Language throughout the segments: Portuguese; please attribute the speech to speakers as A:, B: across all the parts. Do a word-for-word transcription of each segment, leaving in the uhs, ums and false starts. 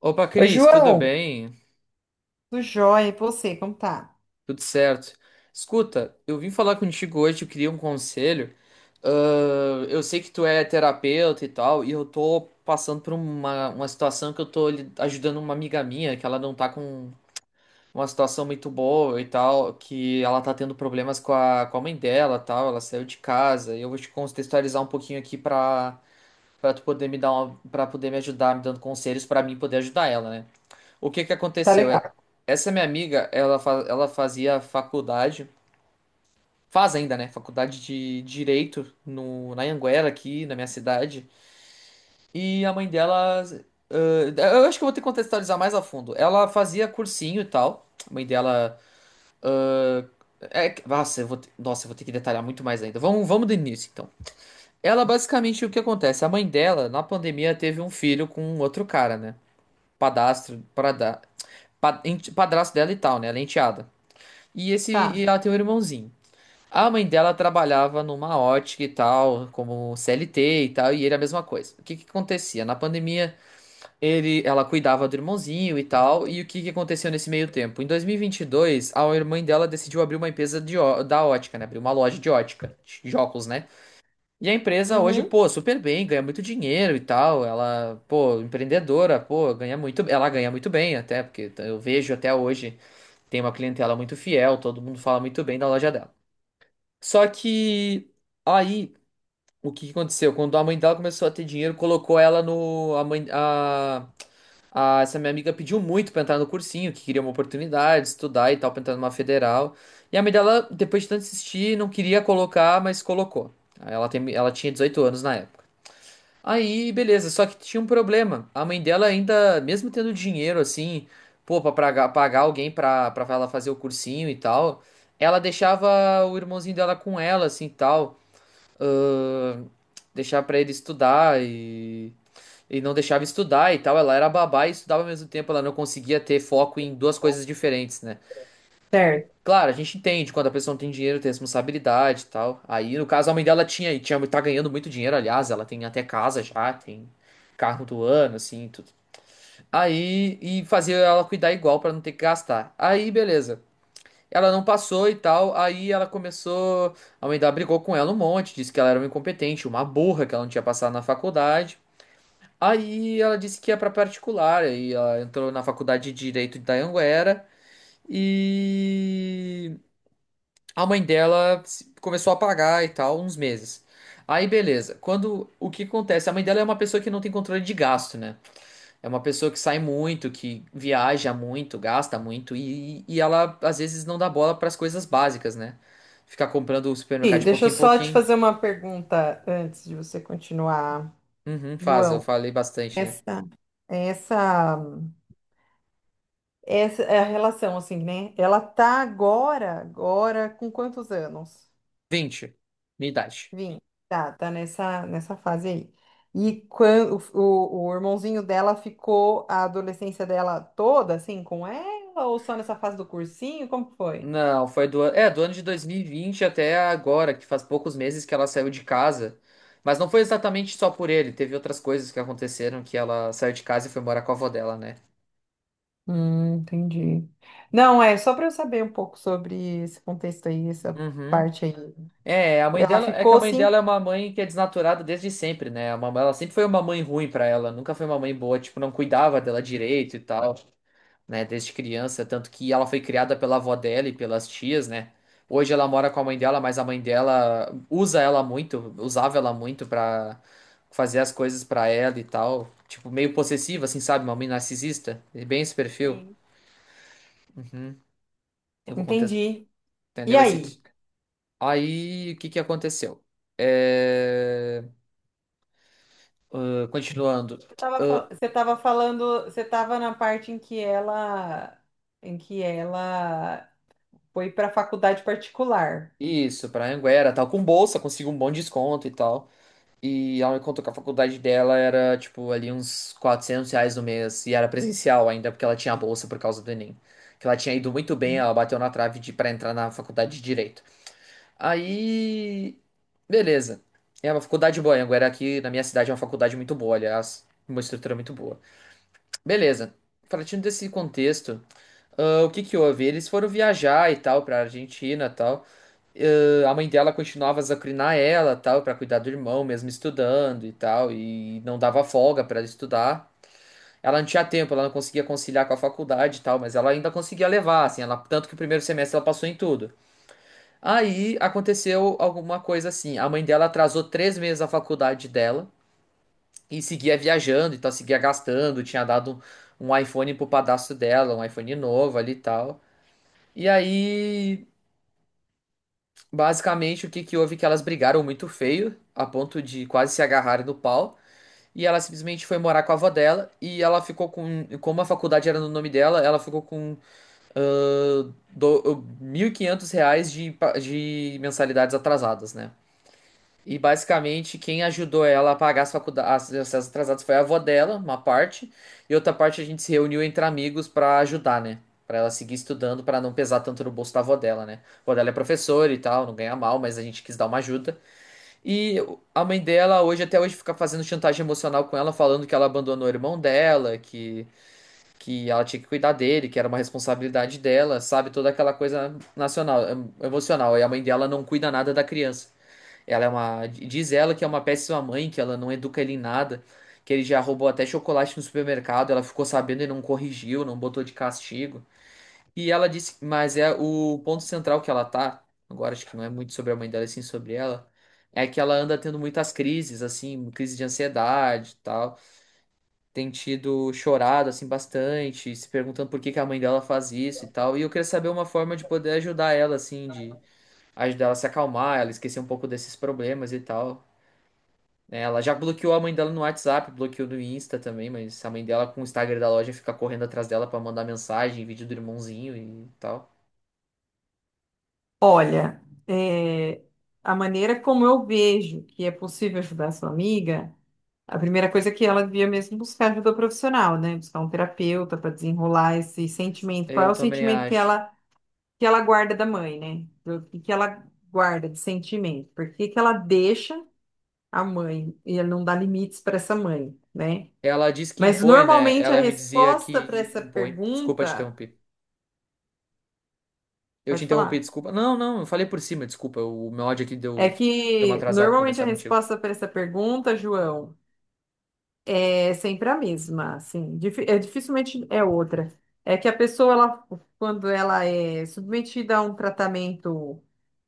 A: Opa,
B: Oi,
A: Cris, tudo
B: João.
A: bem?
B: Tudo jóia, e você, como tá?
A: Tudo certo. Escuta, eu vim falar contigo hoje, eu queria um conselho. Ah, eu sei que tu é terapeuta e tal, e eu tô passando por uma, uma situação que eu tô li- ajudando uma amiga minha, que ela não tá com uma situação muito boa e tal, que ela tá tendo problemas com a, com a mãe dela, e tal, ela saiu de casa. E eu vou te contextualizar um pouquinho aqui pra, pra tu poder me dar uma, pra poder me ajudar, me dando conselhos pra mim poder ajudar ela, né? O que que
B: Tá
A: aconteceu?
B: legal.
A: É- Essa minha amiga, ela, fa- ela fazia faculdade, faz ainda, né? Faculdade de Direito no, na Anhanguera, aqui na minha cidade. E a mãe dela. Ãh, eu acho que eu vou ter que contextualizar mais a fundo. Ela fazia cursinho e tal. A mãe dela. ãh, é que- Nossa, eu vou ter, nossa, eu vou ter que detalhar muito mais ainda. Vamos, vamos do início, então. Ela, basicamente, o que acontece? A mãe dela, na pandemia, teve um filho com outro cara, né? Padastro, parada, pa- ente- padrasto dela e tal, né? Ela é enteada. E esse e
B: Tá.
A: ela tem um irmãozinho. A mãe dela trabalhava numa ótica e tal, como C L T e tal, e ele a mesma coisa. O que que acontecia? Na pandemia, ele, ela cuidava do irmãozinho e tal, e o que que aconteceu nesse meio tempo? Em dois mil e vinte e dois, a irmã dela decidiu abrir uma empresa de, ó- da ótica, né? Abrir uma loja de ótica, de óculos, né? E a empresa hoje,
B: Uhum.
A: pô, super bem, ganha muito dinheiro e tal. Ela, pô, empreendedora, pô, ganha muito, ela ganha muito bem até, porque eu vejo até hoje tem uma clientela muito fiel, todo mundo fala muito bem da loja dela. Só que aí o que que aconteceu? Quando a mãe dela começou a ter dinheiro, colocou ela no a mãe a, a- essa minha amiga pediu muito pra entrar no cursinho, que queria uma oportunidade, estudar e tal, pra entrar numa federal. E a mãe dela, depois de tanto insistir, não queria colocar, mas colocou. Aí Ela tem, ela tinha dezoito anos na época. Aí, beleza, só que tinha um problema. A mãe dela ainda, mesmo tendo dinheiro assim, pô, pra praga- pagar alguém pra, pra ela fazer o cursinho e tal, ela deixava o irmãozinho dela com ela, assim, e tal. Ahn, Deixava pra ele estudar e, e não deixava estudar e tal. Ela era babá e estudava ao mesmo tempo, ela não conseguia ter foco em duas coisas diferentes, né?
B: Certo.
A: Claro, a gente entende quando a pessoa não tem dinheiro, tem responsabilidade e tal. Aí, no caso, a mãe dela tinha e tinha, tá ganhando muito dinheiro, aliás, ela tem até casa já, tem carro do ano, assim, tudo. Aí, e fazia ela cuidar igual pra não ter que gastar. Aí, beleza. Ela não passou e tal, aí ela começou, a mãe dela brigou com ela um monte, disse que ela era uma incompetente, uma burra, que ela não tinha passado na faculdade. Aí ela disse que ia pra particular, aí ela entrou na faculdade de Direito da Anguera e a mãe dela se- começou a pagar e tal, uns meses. Aí, beleza. Quando o que acontece? A mãe dela é uma pessoa que não tem controle de gasto, né? É uma pessoa que sai muito, que viaja muito, gasta muito e, e ela às vezes não dá bola para as coisas básicas, né? Ficar comprando o
B: E
A: supermercado de
B: deixa eu
A: pouquinho em
B: só te
A: pouquinho.
B: fazer uma pergunta antes de você continuar,
A: Uhum, faz, eu
B: João.
A: falei bastante, né?
B: Essa, essa Essa é a relação, assim, né? Ela tá agora, agora, com quantos anos?
A: Vinte, minha idade.
B: Vim. Tá, tá nessa, nessa fase aí. E quando o, o irmãozinho dela ficou a adolescência dela toda, assim, com ela, ou só nessa fase do cursinho? Como que foi?
A: Não, foi do, an- é, do ano de dois mil e vinte até agora, que faz poucos meses que ela saiu de casa. Mas não foi exatamente só por ele, teve outras coisas que aconteceram que ela saiu de casa e foi morar com a avó dela, né?
B: Hum, entendi. Não, é só para eu saber um pouco sobre esse contexto aí, essa
A: Uhum.
B: parte aí.
A: É, a mãe
B: Ela
A: dela é que a
B: ficou
A: mãe dela é
B: cinco?
A: uma mãe que é desnaturada desde sempre, né? A mamãe, ela sempre foi uma mãe ruim pra ela, nunca foi uma mãe boa, tipo, não cuidava dela direito e tal, né? Desde criança, tanto que ela foi criada pela avó dela e pelas tias, né? Hoje ela mora com a mãe dela, mas a mãe dela usa ela muito, usava ela muito pra fazer as coisas pra ela e tal, tipo, meio possessiva, assim, sabe? Uma mãe narcisista, é bem esse perfil.
B: Sim.
A: Uhum. Eu vou contestar,
B: Entendi. E
A: entendeu? Esse...
B: aí?
A: Aí, o que que aconteceu? É... Ah, continuando.
B: Tava
A: Ah,
B: fal- você estava falando, você estava na parte em que ela, em que ela foi para a faculdade particular,
A: isso, pra Anguera, tal, com bolsa, consigo um bom desconto e tal. E ela me contou que a faculdade dela era, tipo, ali uns quatrocentos reais no mês. E era presencial ainda, porque ela tinha a bolsa por causa do Enem. Que ela tinha ido muito bem,
B: né?
A: ela bateu na trave de, pra entrar na faculdade de Direito. Aí. Beleza. É uma faculdade boa. Anguera aqui na minha cidade é uma faculdade muito boa, aliás. Uma estrutura muito boa. Beleza. Partindo desse contexto, ah, o que que houve? Eles foram viajar e tal pra Argentina e tal. Eh, a mãe dela continuava a azucrinar ela, tal, para cuidar do irmão, mesmo estudando e tal, e não dava folga para ela estudar. Ela não tinha tempo, ela não conseguia conciliar com a faculdade e tal, mas ela ainda conseguia levar, assim, ela, tanto que o primeiro semestre ela passou em tudo. Aí aconteceu alguma coisa assim, a mãe dela atrasou três meses a faculdade dela e seguia viajando, então seguia gastando, tinha dado um um iPhone pro padrasto dela, um iPhone novo ali e tal. E aí basicamente, o que que houve é que elas brigaram muito feio, a ponto de quase se agarrarem no pau, e ela simplesmente foi morar com a avó dela, e ela ficou com, como a faculdade era no nome dela, ela ficou com ah, do- mil e quinhentos reais de, pa- de mensalidades atrasadas, né? E basicamente quem ajudou ela a pagar as faculdades, as as atrasadas foi a avó dela, uma parte, e outra parte a gente se reuniu entre amigos pra ajudar, né? Pra ela seguir estudando, pra não pesar tanto no bolso da avó dela, né? A avó dela é professora e tal, não ganha mal, mas a gente quis dar uma ajuda. E a mãe dela hoje até hoje fica fazendo chantagem emocional com ela, falando que ela abandonou o irmão dela, que que ela tinha que cuidar dele, que era uma responsabilidade dela, sabe? Toda aquela coisa nacional, em- emocional. E a mãe dela não cuida nada da criança. Ela é uma. Diz ela que é uma péssima mãe, que ela não educa ele em nada, que ele já roubou até chocolate no supermercado, ela ficou sabendo e não corrigiu, não botou de castigo. E ela disse, mas é o ponto central que ela tá, agora acho que não é muito sobre a mãe dela, e sim sobre ela, é que ela anda tendo muitas crises, assim, crise de ansiedade e tal. Tem tido chorado, assim, bastante, se perguntando por que que a mãe dela faz isso e tal. E eu queria saber uma forma de poder ajudar ela, assim, de ajudar ela a se acalmar, ela esquecer um pouco desses problemas e tal. É, ela já bloqueou a mãe dela no WhatsApp, bloqueou no Insta também, mas a mãe dela com o Instagram da loja fica correndo atrás dela pra mandar mensagem, vídeo do irmãozinho e tal.
B: Olha, é, a maneira como eu vejo que é possível ajudar sua amiga, a primeira coisa é que ela devia mesmo buscar ajuda profissional, né? Buscar um terapeuta para desenrolar esse sentimento. Qual é
A: Eu
B: o
A: também
B: sentimento que
A: acho.
B: ela, que ela guarda da mãe, né? O que que ela guarda de sentimento? Por que que ela deixa a mãe e ela não dá limites para essa mãe, né?
A: Ela diz que
B: Mas
A: impõe, né?
B: normalmente a
A: Ela me dizia
B: resposta para
A: que
B: essa
A: impõe. Desculpa te
B: pergunta,
A: interromper. Eu te
B: pode
A: interrompi,
B: falar,
A: desculpa. Não, não, eu falei por cima, desculpa. O meu ódio aqui
B: é
A: deu, deu uma
B: que
A: atrasada
B: normalmente a
A: conversar contigo.
B: resposta para essa pergunta, João, é sempre a mesma, assim. Difi- é dificilmente é outra. É que a pessoa ela, quando ela é submetida a um tratamento,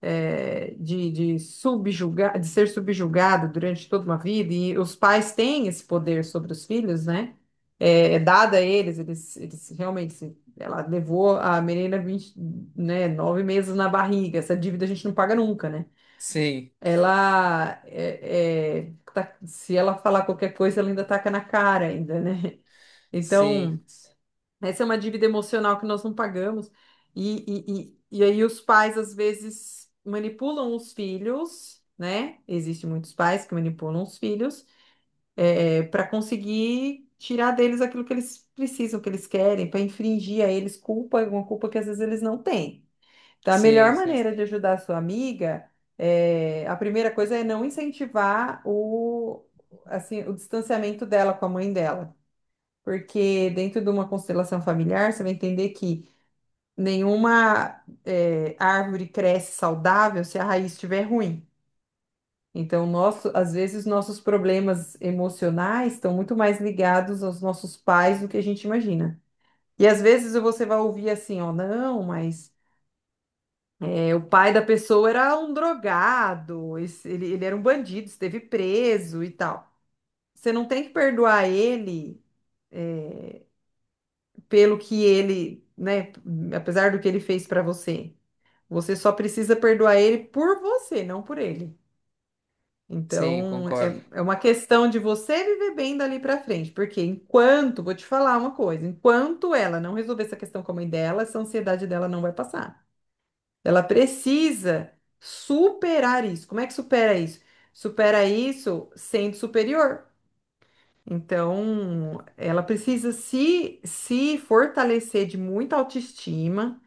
B: eh, de, de subjugar, de ser subjugado durante toda uma vida, e os pais têm esse poder sobre os filhos, né? É, é dada a eles, eles, eles, realmente, se- ela levou a menina vinte né, nove meses na barriga, essa dívida a gente não paga nunca, né?
A: Sim,
B: Ela, é, é, tá- se ela falar qualquer coisa, ela ainda taca na cara ainda, né?
A: sim,
B: Então, essa é uma dívida emocional que nós não pagamos. E, e, e, e aí os pais, às vezes, manipulam os filhos, né? Existem muitos pais que manipulam os filhos para conseguir tirar deles aquilo que eles precisam, que eles querem, para infringir a eles culpa, uma culpa que às vezes eles não têm. Então, a
A: sim,
B: melhor
A: sim,
B: maneira de ajudar a sua amiga, é, a primeira coisa é não incentivar o, assim, o distanciamento dela com a mãe dela, porque dentro de uma constelação familiar, você vai entender que nenhuma, eh, árvore cresce saudável se a raiz estiver ruim. Então, nosso, às vezes, nossos problemas emocionais estão muito mais ligados aos nossos pais do que a gente imagina. E às vezes você vai ouvir assim, ó, não, mas, eh, o pai da pessoa era um drogado, esse- ele, ele era um bandido, esteve preso e tal. Você não tem que perdoar ele. pelo que ele, né, apesar do que ele fez pra você. Você só precisa perdoar ele por você, não por ele.
A: sim,
B: Então,
A: concordo.
B: é, é uma questão de você viver bem dali pra frente, porque enquanto, vou te falar uma coisa, enquanto ela não resolver essa questão com a mãe dela, essa ansiedade dela não vai passar. Ela precisa superar isso. Como é que supera isso? Supera isso sendo superior. Então, ela precisa se, se fortalecer de muita autoestima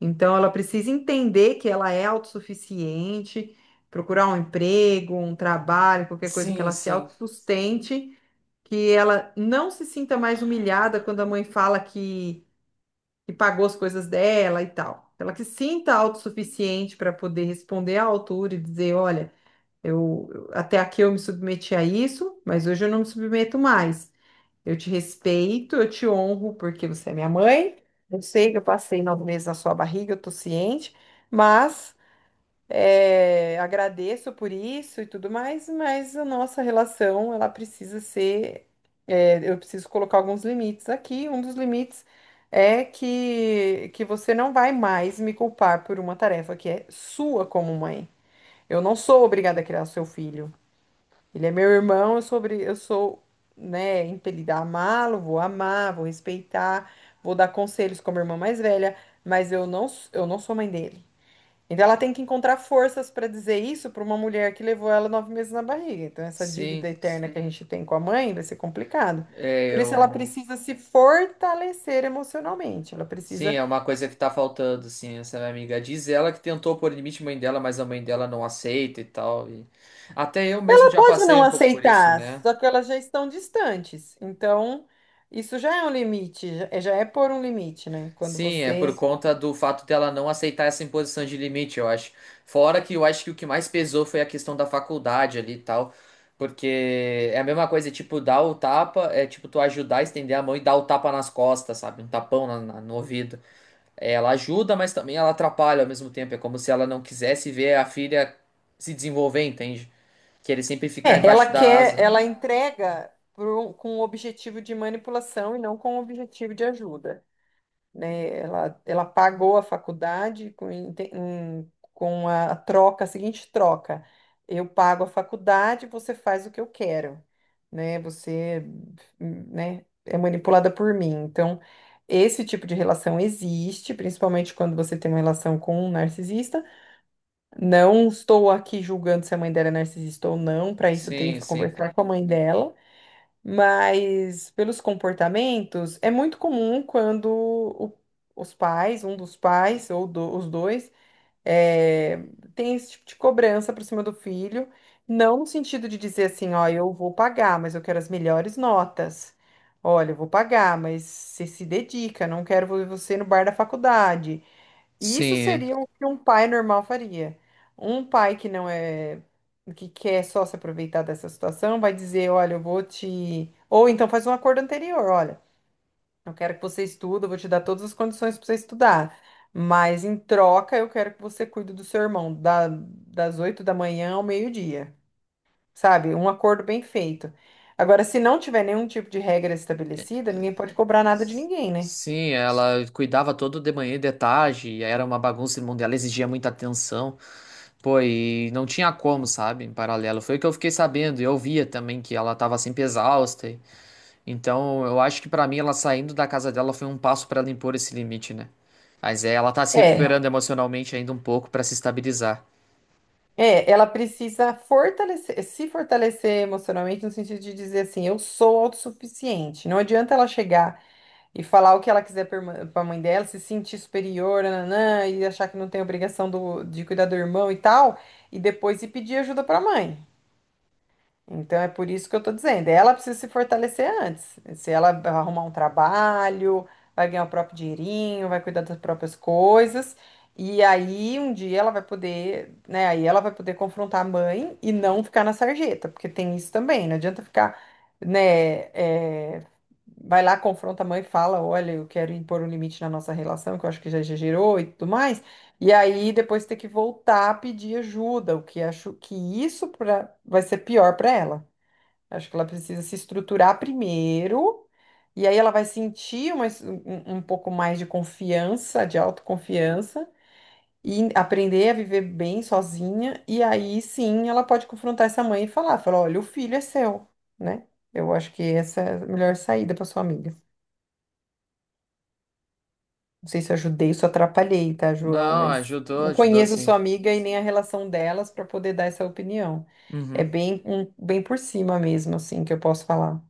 B: Então, ela precisa entender que ela é autossuficiente, procurar um emprego, um trabalho, qualquer coisa que
A: Sim,
B: ela se
A: sim,
B: autossustente, que ela não se sinta mais humilhada quando a mãe fala que, que pagou as coisas dela e tal. Ela que se sinta autossuficiente para poder responder à altura e dizer: olha, eu eu- até aqui eu me submeti a isso, mas hoje eu não me submeto mais. Eu te respeito, eu te honro porque você é minha mãe. Eu sei que eu passei nove meses na sua barriga, eu tô ciente, mas, é, agradeço por isso e tudo mais, mas a nossa relação, ela precisa ser. é, Eu preciso colocar alguns limites aqui. Um dos limites é que, que você não vai mais me culpar por uma tarefa que é sua como mãe. Eu não sou obrigada a criar seu filho. Ele é meu irmão, eu sou, obri- eu sou, né, impelida a amá-lo, vou amar, vou respeitar, vou dar conselhos como irmã mais velha, mas eu não, s- eu não sou mãe dele. Então ela tem que encontrar forças para dizer isso para uma mulher que levou ela nove meses na barriga. Então essa dívida
A: sim.
B: eterna que a Sim. gente tem com a mãe vai ser complicado.
A: É,
B: Por isso ela
A: eu.
B: precisa se fortalecer emocionalmente. Ela
A: Sim,
B: precisa
A: é uma coisa que tá faltando, assim, essa minha amiga. Diz ela que tentou pôr limite à mãe dela, mas a mãe dela não aceita e tal. e- Até eu mesmo
B: Ela
A: já
B: pode
A: passei
B: não
A: um pouco por isso,
B: aceitar,
A: né?
B: só que elas já estão distantes. Então, isso já é um limite, já é, já é pôr um limite, né? Quando
A: Sim, é por
B: você.
A: conta do fato dela não aceitar essa imposição de limite, eu acho. Fora que eu acho que o que mais pesou foi a questão da faculdade ali e tal. Porque é a mesma coisa, tipo, dar o tapa, é tipo tu ajudar a estender a mão e dar o tapa nas costas, sabe? Um tapão na- na- no ouvido. Ela ajuda, mas também ela atrapalha ao mesmo tempo. É como se ela não quisesse ver a filha se desenvolver, entende? Querer sempre ficar
B: É, ela
A: embaixo da
B: quer,
A: asa.
B: ela entrega pro- com o objetivo de manipulação e não com o objetivo de ajuda. né? Ela, ela pagou a faculdade com, inte- em- com a troca, a seguinte troca: eu pago a faculdade, você faz o que eu quero, né? Você, né, é manipulada por mim. Então, esse tipo de relação existe, principalmente quando você tem uma relação com um narcisista. Não estou aqui julgando se a mãe dela é narcisista ou não, para isso eu teria que
A: Sim, sim.
B: conversar com a mãe dela. Mas pelos comportamentos, é muito comum quando o- os pais, um dos pais ou do- os dois, eh, tem esse tipo de cobrança para cima do filho, não no sentido de dizer assim, ó, eu vou pagar, mas eu quero as melhores notas. Olha, eu vou pagar, mas você se dedica, não quero ver você no bar da faculdade. Isso
A: Sim. É.
B: seria o que um pai normal faria. Um pai que não é, que quer só se aproveitar dessa situação, vai dizer, olha, eu vou te. Ou então faz um acordo anterior, olha, eu quero que você estude, eu vou te dar todas as condições para você estudar. Mas em troca, eu quero que você cuide do seu irmão, da- das oito da manhã ao meio-dia. Sabe? Um acordo bem feito. Agora, se não tiver nenhum tipo de regra
A: É,
B: estabelecida, ninguém pode cobrar nada de ninguém, né?
A: sim, ela cuidava todo de manhã e de tarde, e era uma bagunça no mundo, ela exigia muita atenção. Pô, e não tinha como, sabe? Em paralelo. Foi o que eu fiquei sabendo. E eu via também que ela tava sempre exausta. Então, eu acho que pra mim ela saindo da casa dela foi um passo pra ela impor esse limite, né? Mas é, ela tá se
B: É,
A: recuperando emocionalmente ainda um pouco pra se estabilizar.
B: É, ela precisa fortalecer, se fortalecer emocionalmente no sentido de dizer assim, eu sou autossuficiente. Não adianta ela chegar e falar o que ela quiser para a mãe dela, se sentir superior, nananã, e achar que não tem obrigação do- de cuidar do irmão e tal, e depois ir pedir ajuda para a mãe. Então é por isso que eu tô dizendo, ela precisa se fortalecer antes. Se ela arrumar um trabalho, vai ganhar o próprio dinheirinho, vai cuidar das próprias coisas, e aí um dia ela vai poder, né, aí ela vai poder confrontar a mãe e não ficar na sarjeta, porque tem isso também, não adianta ficar, né, é, vai lá, confronta a mãe e fala, olha, eu quero impor um limite na nossa relação, que eu acho que já exagerou e tudo mais. E aí depois ter que voltar a pedir ajuda, o que acho que isso pra, vai ser pior para ela. Acho que ela precisa se estruturar primeiro, e aí ela vai sentir uma es- um, um pouco mais de confiança, de autoconfiança, e aprender a viver bem sozinha, e aí sim ela pode confrontar essa mãe e falar, falar, olha, o filho é seu, né? Eu acho que essa é a melhor saída para sua amiga. Não sei se eu ajudei, se eu atrapalhei, tá, João?
A: Não,
B: Mas
A: ajudou,
B: não
A: ajudou
B: conheço
A: sim.
B: sua amiga e nem a relação delas para poder dar essa opinião. É
A: Uhum,
B: bem, um- bem por cima mesmo, assim, que eu posso falar.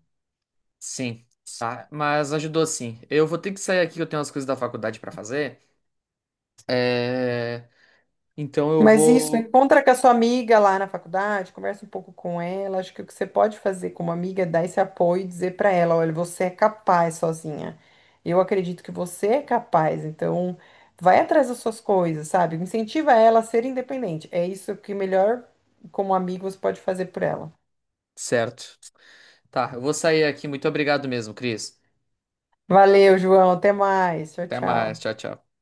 A: sim. Tá, mas ajudou sim. Eu vou ter que sair aqui, eu tenho umas coisas da faculdade pra fazer. É... Então eu
B: Mas isso,
A: vou.
B: encontra com a sua amiga lá na faculdade, conversa um pouco com ela. Acho que o que você pode fazer como amiga é dar esse apoio e dizer para ela: olha, você é capaz sozinha. Eu acredito que você é capaz, então vai atrás das suas coisas, sabe? Incentiva ela a ser independente. É isso que melhor, como amigo, você pode fazer por ela.
A: Certo. Tá, eu vou sair aqui. Muito obrigado mesmo, Cris.
B: Valeu, João. Até mais. Tchau,
A: Até mais.
B: tchau.
A: Tchau, tchau.